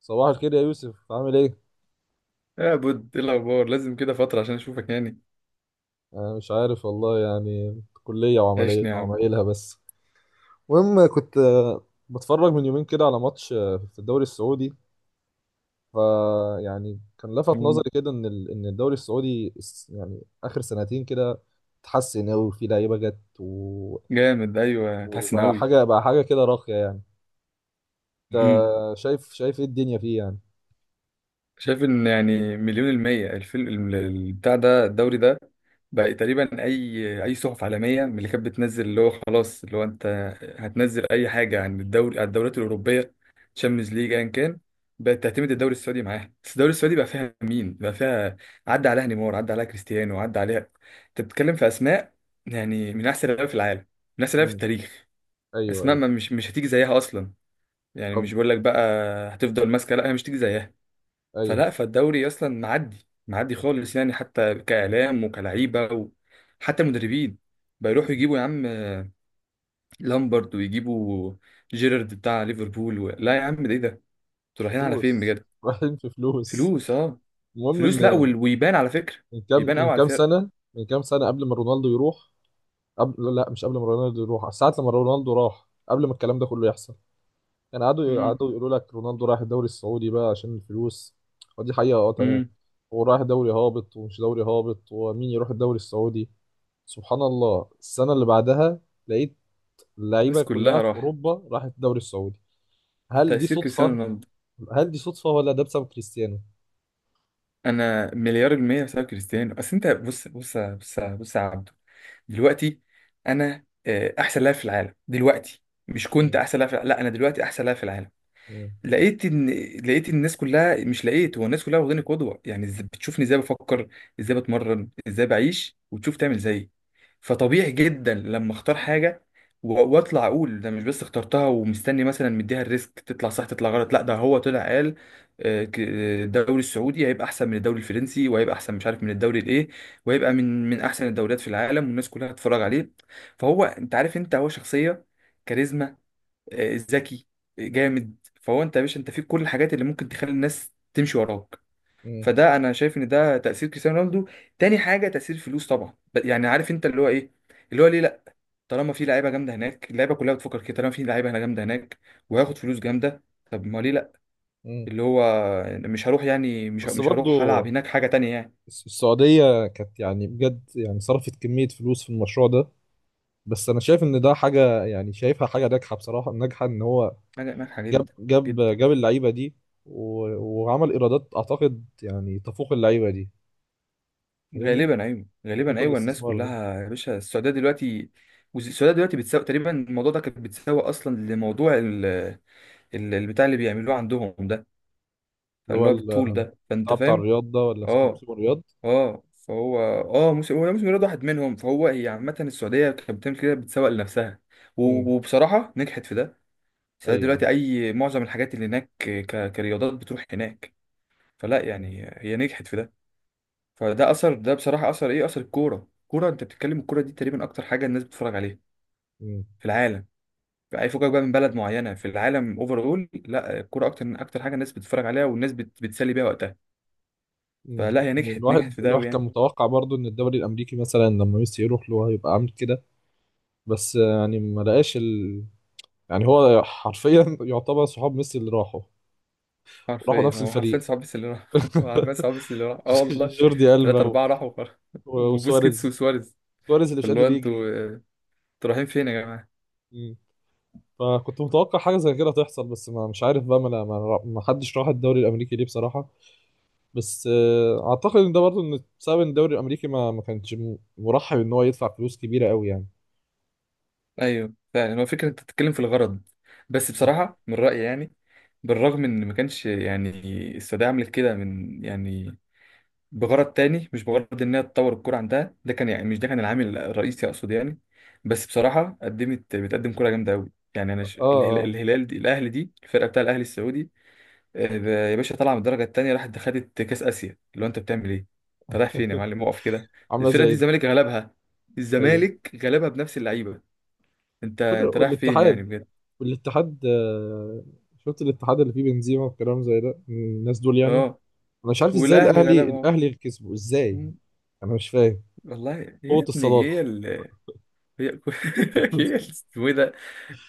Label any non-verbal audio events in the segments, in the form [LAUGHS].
صباح الخير يا يوسف، عامل ايه؟ يا بود، ايه الاخبار؟ لازم كده فتره عشان اشوفك يعني. انا مش عارف والله، يعني كلية وعملية عيشني يا عم. وعمايلها بس. المهم كنت بتفرج من يومين كده على ماتش في الدوري السعودي. فيعني كان لفت مم. نظري كده ان ان الدوري السعودي، يعني اخر سنتين كده اتحسن قوي، في لعيبة جت جامد، ايوه اتحسن وبقى حاجة كده راقية يعني. انت قوي. شايف ايه الدنيا فيه يعني؟ شايف ان يعني مليون المية الفيلم بتاع ده الدوري ده. بقى تقريبا اي صحف عالمية من اللي كانت بتنزل، اللي هو خلاص، اللي هو انت هتنزل اي حاجة عن الدوري، عن الدوريات الاوروبية، تشامبيونز ليج، ايا كان، بقت تعتمد الدوري السعودي معاها. بس الدوري السعودي بقى فيها مين؟ بقى فيها عدى عليها نيمار، عدى عليها كريستيانو، عدى عليها، انت بتتكلم في اسماء يعني من احسن اللعيبه في العالم، من احسن اللعيبه في امم. التاريخ. ايوه، اسماء ايوه. ما مش هتيجي زيها اصلا، يعني طب. مش بقول لك بقى. هتفضل ماسكه، لا هي مش هتيجي زيها. ايوه. فلا، فالدوري اصلا معدي معدي خالص يعني، حتى كاعلام وكلعيبه، وحتى مدربين. بيروحوا يجيبوا يا عم لامبرد، ويجيبوا جيرارد بتاع ليفربول لا يا عم ده ايه ده؟ انتوا رايحين على فين فلوس بجد؟ [LAUGHS] رايحين في فلوس. فلوس، اه، المهم فلوس. لا ان ويبان على فكره، يبان قوي على الفرقه. من كام سنة قبل ما رونالدو يروح. قبل، لا، مش قبل ما رونالدو يروح، ساعة لما رونالدو راح قبل ما الكلام ده كله يحصل. يعني امم. قعدوا يقولوا لك رونالدو رايح الدوري السعودي بقى عشان الفلوس. ودي حقيقة، اه تمام. امم. هو رايح دوري هابط ومش دوري هابط، ومين يروح الدوري السعودي؟ سبحان الله، السنة اللي بعدها لقيت اللعيبة الناس كلها كلها في راح. أوروبا راحت الدوري السعودي. هل دي تاثير كريستيانو صدفة؟ رونالدو. هل دي صدفة ولا ده بسبب كريستيانو؟ انا مليار المية بسبب كريستيانو. بس انت بص بص بص بص يا عبدو، دلوقتي انا احسن لاعب في العالم دلوقتي، مش كنت مم. احسن لاعب في لا انا دلوقتي احسن لاعب في العالم. مم. لقيت ان، لقيت إن الناس كلها، مش لقيت، هو الناس كلها واخداني قدوه يعني، بتشوفني ازاي بفكر، ازاي بتمرن، ازاي بعيش، وتشوف تعمل زيي. فطبيعي جدا لما اختار حاجه واطلع اقول ده مش بس اخترتها ومستني مثلا، مديها الريسك، تطلع صح تطلع غلط، لا ده هو طلع قال الدوري السعودي هيبقى احسن من الدوري الفرنسي، وهيبقى احسن مش عارف من الدوري الايه، وهيبقى من احسن الدوريات في العالم، والناس كلها هتتفرج عليه. فهو انت عارف انت هو شخصيه، كاريزما، ذكي، جامد. فهو انت يا باشا، انت فيك كل الحاجات اللي ممكن تخلي الناس تمشي وراك. مم. فده انا شايف ان ده تأثير كريستيانو رونالدو. تاني حاجة تأثير الفلوس طبعا، يعني عارف انت اللي هو ايه، اللي هو ليه لا. طالما في لعيبة جامدة هناك، اللعيبة كلها بتفكر كده، طالما في لعيبة هنا جامدة هناك، وهاخد فلوس جامدة، طب ما ليه لا. مم. اللي هو مش هروح يعني، بس مش برضو هروح هلعب هناك حاجة تانية يعني. السعودية كانت يعني بجد يعني صرفت كمية فلوس في المشروع ده. بس أنا شايف إن ده حاجة، يعني شايفها حاجة ناجحة بصراحة، ناجحة إن هو حاجة هناك، حاجة جدا، جدا. جاب اللعيبة دي و... وعمل إيرادات أعتقد يعني تفوق اللعيبة دي. فاهمني؟ غالبا ايوه، غالبا صندوق ايوه. الناس الاستثمار ده، كلها يا باشا، السعوديه دلوقتي، السعوديه دلوقتي بتساوي تقريبا، الموضوع ده كانت بتساوي اصلا لموضوع البتاع اللي بيعملوه عندهم ده. اللي هو فاللي هو بالطول ده، فانت بتاع فاهم. الرياض ده ولا اسمه اه. موسم الرياض؟ اه فهو اه موسم، هو موسم رياض واحد منهم. فهو، هي عامه السعوديه كانت بتعمل كده، بتسوق لنفسها و... امم. وبصراحه نجحت في ده. السعوديه أيوه. دلوقتي اي معظم الحاجات اللي هناك كرياضات بتروح هناك. فلا امم. يعني هي نجحت في ده. فده اثر ده بصراحه، اثر ايه؟ اثر الكوره. الكوره انت بتتكلم، الكوره دي تقريبا اكتر حاجه الناس بتتفرج عليها في العالم. اي فوجئك بقى من بلد معينه في العالم، اول، لا الكوره اكتر، اكتر حاجه الناس بتتفرج عليها، والناس بتسلي بيها وقتها. امم. فلا، هي يعني نجحت، نجحت في ده الواحد قوي كان يعني. متوقع برضو إن الدوري الأمريكي مثلا لما ميسي يروح له هيبقى عامل كده. بس يعني ما لقاش، يعني هو حرفيا يعتبر صحاب ميسي اللي راحوا، وراحوا حرفيا، نفس هو حرفيا الفريق. صعب بس اللي راح [LAUGHS] هو حرفيا [LAUGHS] صعب بس اللي راح، اه والله. جوردي ألبا ثلاثة أربعة راحوا [LAUGHS] وخلاص. وبوسكيتس وسواريز. وسواريز. سواريز اللي مش فاللي هو قادر انتوا يجري. انتوا رايحين فين يا جماعة؟ مم. فكنت متوقع حاجة زي كده تحصل، بس ما مش عارف بقى، ما ما حدش راح الدوري الأمريكي ليه بصراحة. بس أعتقد إن ده برضه إن بسبب إن الدوري الأمريكي ما ما كانش مرحب إن هو يدفع فلوس كبيرة قوي يعني. ايوه فعلا، هو فكره انت بتتكلم في الغرض. بس مم. بصراحه من رايي يعني، بالرغم ان ما كانش يعني، السعوديه عملت كده من يعني بغرض تاني، مش بغرض انها تطور الكوره عندها، ده كان يعني، مش ده كان العامل الرئيسي اقصد يعني. بس بصراحه قدمت، بتقدم كوره جامده قوي يعني. انا اه، الهلال اه. الهلال دي، الاهلي دي، الفرقه بتاع الاهلي السعودي يا باشا طالعه من الدرجه التانيه، راحت خدت كاس اسيا، اللي هو انت بتعمل ايه؟ انت رايح فين يا معلم؟ [LAUGHS] اقف كده. عاملة الفرقه دي زي. الزمالك غلبها، أيوه. الزمالك غلبها بنفس اللعيبه. انت رايح فين يعني والاتحاد. بجد؟ والاتحاد، شفت الاتحاد اللي فيه بنزيما والكلام زي ده، الناس دول يعني. اه. انا مش عارف ازاي والاهلي الاهلي، غلبها اهو. اللي كسبوا ازاي. مم. انا مش فاهم. والله. يا قوة ابني هي الصداقة. ال، هي [LAUGHS] [LAUGHS] اسمه ايه ده،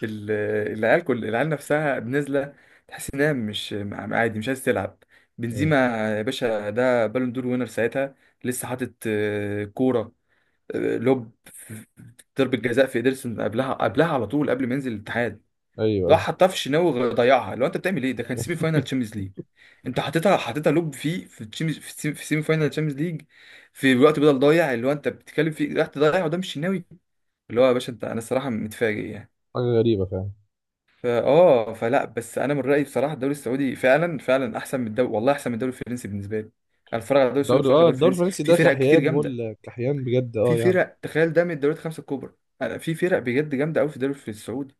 ال- العيال، كل العيال نفسها نازله، تحس انها مش عادي مش عايز تلعب. مم. بنزيما يا باشا ده بالون دور وينر ساعتها، لسه حاطط كوره، لوب في ضربه جزاء في ايدرسون، قبلها قبلها على طول قبل ما ينزل الاتحاد، ايوه، ايوه. راح حطها في الشناوي ضيعها. لو انت بتعمل ايه؟ ده كان سيمي فاينال [LAUGHS] تشامبيونز ليج. انت حطيتها، حطيتها لوب فيه في الشامبيونز، في السيمي، في سيمي فاينال تشامبيونز ليج في وقت بدل ضايع، اللي هو انت بتتكلم فيه، راح تضيع قدام الشناوي، اللي هو يا باشا انت، انا الصراحه متفاجئ يعني. حاجة غريبة فعلا. فا اه فلا، بس انا من رايي بصراحه الدوري السعودي فعلا، فعلا احسن من الدوري، والله احسن من الدوري الفرنسي بالنسبه لي. انا بتفرج على الدوري السعودي، ما الدوري، بتفرجش على الدوري الدوري الفرنسي. الفرنسي في ده فرق كتير كحيان جامده، مول كحيان بجد، في اه يعني. فرق تخيل ده من الدوريات الخمسه الكبرى. انا في فرق بجد جامده قوي في الدوري في السعودي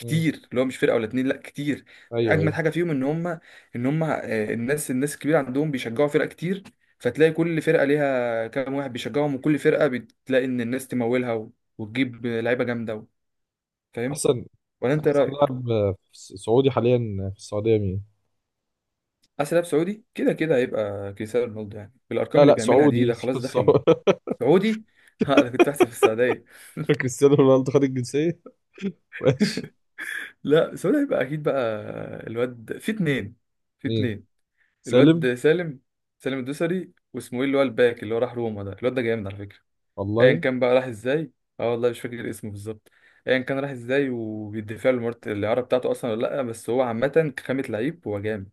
مم. اللي هو مش فرقه ولا اتنين، لا كتير. ايوه، اجمد ايوه. حاجه فيهم ان هم، ان هم الناس، الناس الكبيره عندهم بيشجعوا فرق كتير، فتلاقي كل فرقه ليها كام واحد بيشجعهم، وكل فرقه بتلاقي ان الناس تمولها وتجيب لعيبه جامده فاهم، احسن. ولا انت إيه احسن رايك؟ لاعب سعودي حاليا في السعودية مين؟ اسلاب سعودي كده كده هيبقى كريستيانو رونالدو يعني، بالارقام لا، اللي لا، بيعملها دي، سعودي ده [LAUGHS] خلاص داخل. سعودي. سعودي [LAUGHS] ها انا كنت بحسب في السعوديه كريستيانو رونالدو خد الجنسية. [LAUGHS] ماشي. [LAUGHS] لا سؤال هيبقى اكيد بقى. الواد في اتنين، في مين؟ اتنين. سالم. الواد سالم، سالم الدوسري، واسمه ايه اللي هو الباك اللي هو راح روما، ده الواد ده جامد على فكره، ايا والله كان بقى راح ازاي. اه والله مش فاكر اسمه بالظبط، ايا كان راح ازاي، وبيدفع له مرت الاعاره بتاعته اصلا ولا لا. بس هو عامه، كخامه لعيب هو جامد.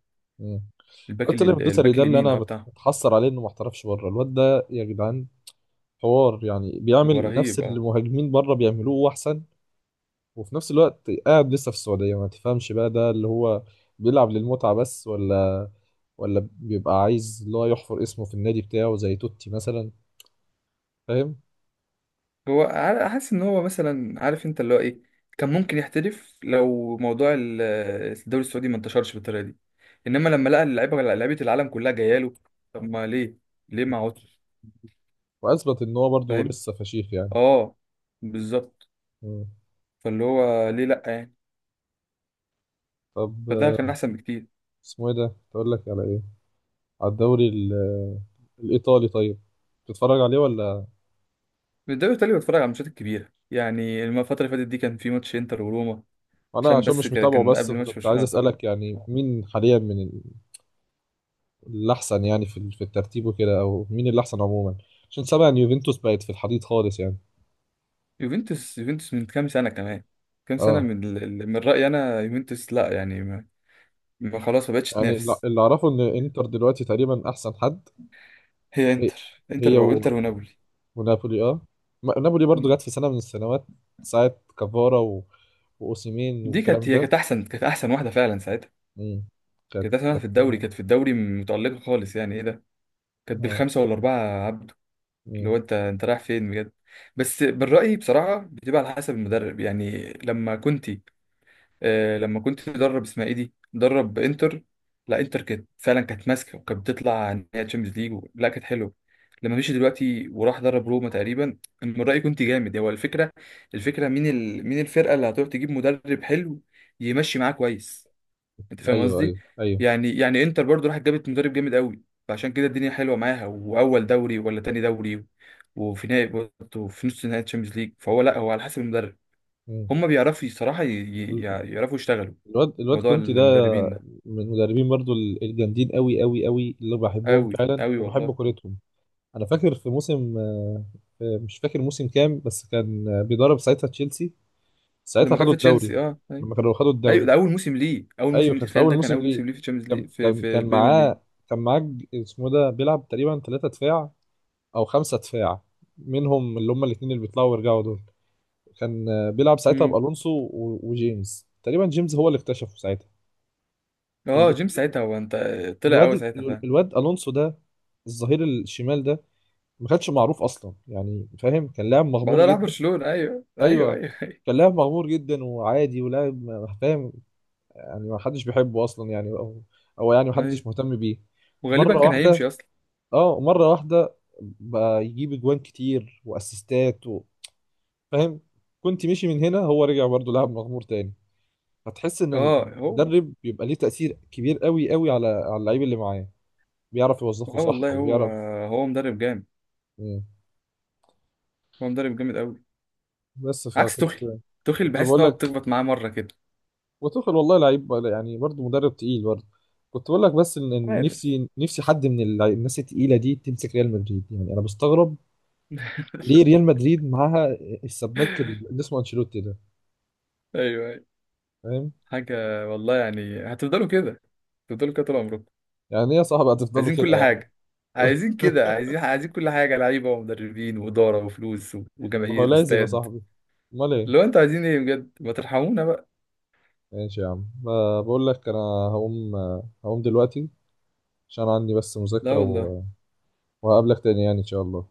الباك قلت له الدوسري الباك ده اللي اليمين انا اه بتاعه. متحسر عليه انه ما احترفش بره. الواد ده يا جدعان حوار، يعني هو بيعمل نفس رهيب اللي اه. المهاجمين بره بيعملوه واحسن، وفي نفس الوقت قاعد لسه في السعوديه. ما تفهمش بقى ده اللي هو بيلعب للمتعه بس، ولا ولا بيبقى عايز اللي هو يحفر اسمه في النادي بتاعه زي توتي مثلا. فاهم؟ هو حاسس ان هو مثلا، عارف انت اللي هو ايه، كان ممكن يحترف لو موضوع الدوري السعودي ما انتشرش بالطريقه دي، انما لما لقى اللعيبه، لعيبه العالم كلها جايه له، طب ما ليه، ليه ما عودش. واثبت ان هو برضه فاهم. لسه فشيخ يعني. اه. بالظبط. مم. فاللي هو ليه لا يعني. طب فده كان احسن بكتير. اسمه ايه ده تقول لك على ايه؟ على الدوري الايطالي؟ طيب. تتفرج عليه ولا؟ الدوري الايطالي بتفرج على الماتشات الكبيره يعني، الفتره اللي فاتت دي كان في ماتش انتر وروما، انا عشان عشان بس مش متابعه، كان بس قبل ماتش فكنت برشلونه عايز على طول. اسالك يعني مين حاليا من الاحسن يعني في في الترتيب وكده، او مين الاحسن عموما؟ عشان سامع ان يوفنتوس بقت في الحضيض خالص يعني. يوفنتوس، يوفنتوس من كام سنه كمان، كام سنه اه. من من رايي انا يوفنتوس لا يعني، ما خلاص، ما بقتش يعني تنافس. اللي اعرفه ان انتر دلوقتي تقريبا احسن حد. هي هي. انتر، انتر هي بقى، انتر ونابولي. ونابولي، اه. نابولي برضو مم. جت في سنه من السنوات، ساعه كافارا واوسيمين دي كانت، والكلام هي ده. كانت احسن، كانت احسن واحده فعلا ساعتها. امم. كانت احسن واحده كانت. في الدوري، كانت في الدوري متالقه خالص يعني، ايه ده؟ كانت اه. بالخمسه والاربعه. عبده، اللي مم. هو انت رايح فين بجد؟ بس من رايي بصراحه بتبقى على حسب المدرب يعني. لما كنتي لما كنت مدرب اسمها ايه دي مدرب انتر، لا انتر كانت فعلا، كانت ماسكه وكانت بتطلع نهائي تشامبيونز ليج لا كانت حلوه. لما مشي دلوقتي وراح درب روما تقريبا، من رايي كنت جامد. هو الفكره، الفكره مين مين الفرقه اللي هتروح تجيب مدرب حلو يمشي معاه كويس. انت فاهم ايوه، قصدي؟ ايوه، ايوه. يعني يعني انتر برضو راحت جابت مدرب جامد قوي، فعشان كده الدنيا حلوه معاها. واول دوري ولا تاني دوري، وفي نهائي برضه، في نص نهائي تشامبيونز ليج. فهو لا، هو على حسب المدرب، هم بيعرفوا صراحه مم. يعرفوا يشتغلوا. الواد موضوع كونتي ده المدربين ده من المدربين برضو الجامدين قوي قوي قوي اللي بحبهم قوي فعلا قوي والله. وبحب كورتهم. انا فاكر في موسم مش فاكر موسم كام، بس كان بيدرب ساعتها تشيلسي. ساعتها لما كان خدوا في الدوري. تشيلسي اه ايوه. لما كانوا خدوا ايوه الدوري، ده اول موسم ليه، اول ايوه موسم ليه كان في تخيل، اول ده كان موسم اول ليه. موسم ليه في تشامبيونز ليج، في في كان البريمير ليج. معاه. كان معاه اسمه ده بيلعب تقريبا 3 دفاع او 5 دفاع، منهم اللي هم الاثنين اللي بيطلعوا ويرجعوا دول. كان بيلعب ساعتها امم. بألونسو وجيمس، تقريبا جيمس هو اللي اكتشفه ساعتها. اه جيمس الاثنين. ساعتها هو انت، طلع قوي الواد ساعتها. فاهم. الواد الونسو ده، الظهير الشمال ده، ما كانش معروف اصلا يعني، فاهم؟ كان لاعب مغمور بعدها راح جدا. برشلونة، ايوه ايوه ايوه ايوه. ايوه. كان لاعب مغمور جدا وعادي ولاعب، فاهم؟ يعني ما حدش بيحبه اصلا يعني، او او يعني ما ايوه حدش مهتم بيه. مره وغالبا كان هيمشي واحده. اصلا. اه، مره واحده بقى يجيب اجوان كتير واسيستات فاهم؟ كنت مشي من هنا هو رجع برضه لاعب مغمور تاني. فتحس ان اه هو. المدرب بيبقى ليه تأثير كبير قوي قوي على على اللعيب اللي معاه، بيعرف يوظفه اه صح والله هو، ويعرف. هو مدرب جامد. آه، هو مدرب جامد قوي. بس عكس فكنت، توخيل، توخيل كنت بحس ان بقول هو لك. بتخبط معاه مره كده. وتوخيل والله لعيب، يعني برضه مدرب تقيل برضه. كنت بقول لك بس إن عارف. نفسي حد من الناس التقيله دي تمسك ريال مدريد، يعني انا بستغرب ليه [LAUGHS] ريال مدريد معاها السباك اللي اسمه انشيلوتي ده، ايوه ايوه. فاهم؟ حاجه. والله يعني هتفضلوا كده، هتفضلوا كده طول عمركم. يعني ايه يا صاحبي هتفضلوا عايزين كده كل يعني؟ حاجة. عايزين كده، عايزين، [LAUGHS] عايزين كل حاجة، لعيبة ومدربين وإدارة وفلوس ما هو وجماهير لازم يا واستاد. صاحبي، امال ايه؟ لو انتوا عايزين ايه بجد، ما ترحمونا بقى. ماشي يا عم، بقول لك انا هقوم، دلوقتي عشان عندي بس لا مذاكره والله. وهقابلك تاني يعني ان شاء الله.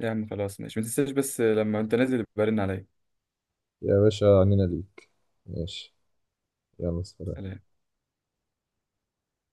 يا عم خلاص ماشي، ما تنساش بس لما انت نازل يبقى رن عليا. يا باشا عنينا ليك. ماشي. يلا سلام. سلام.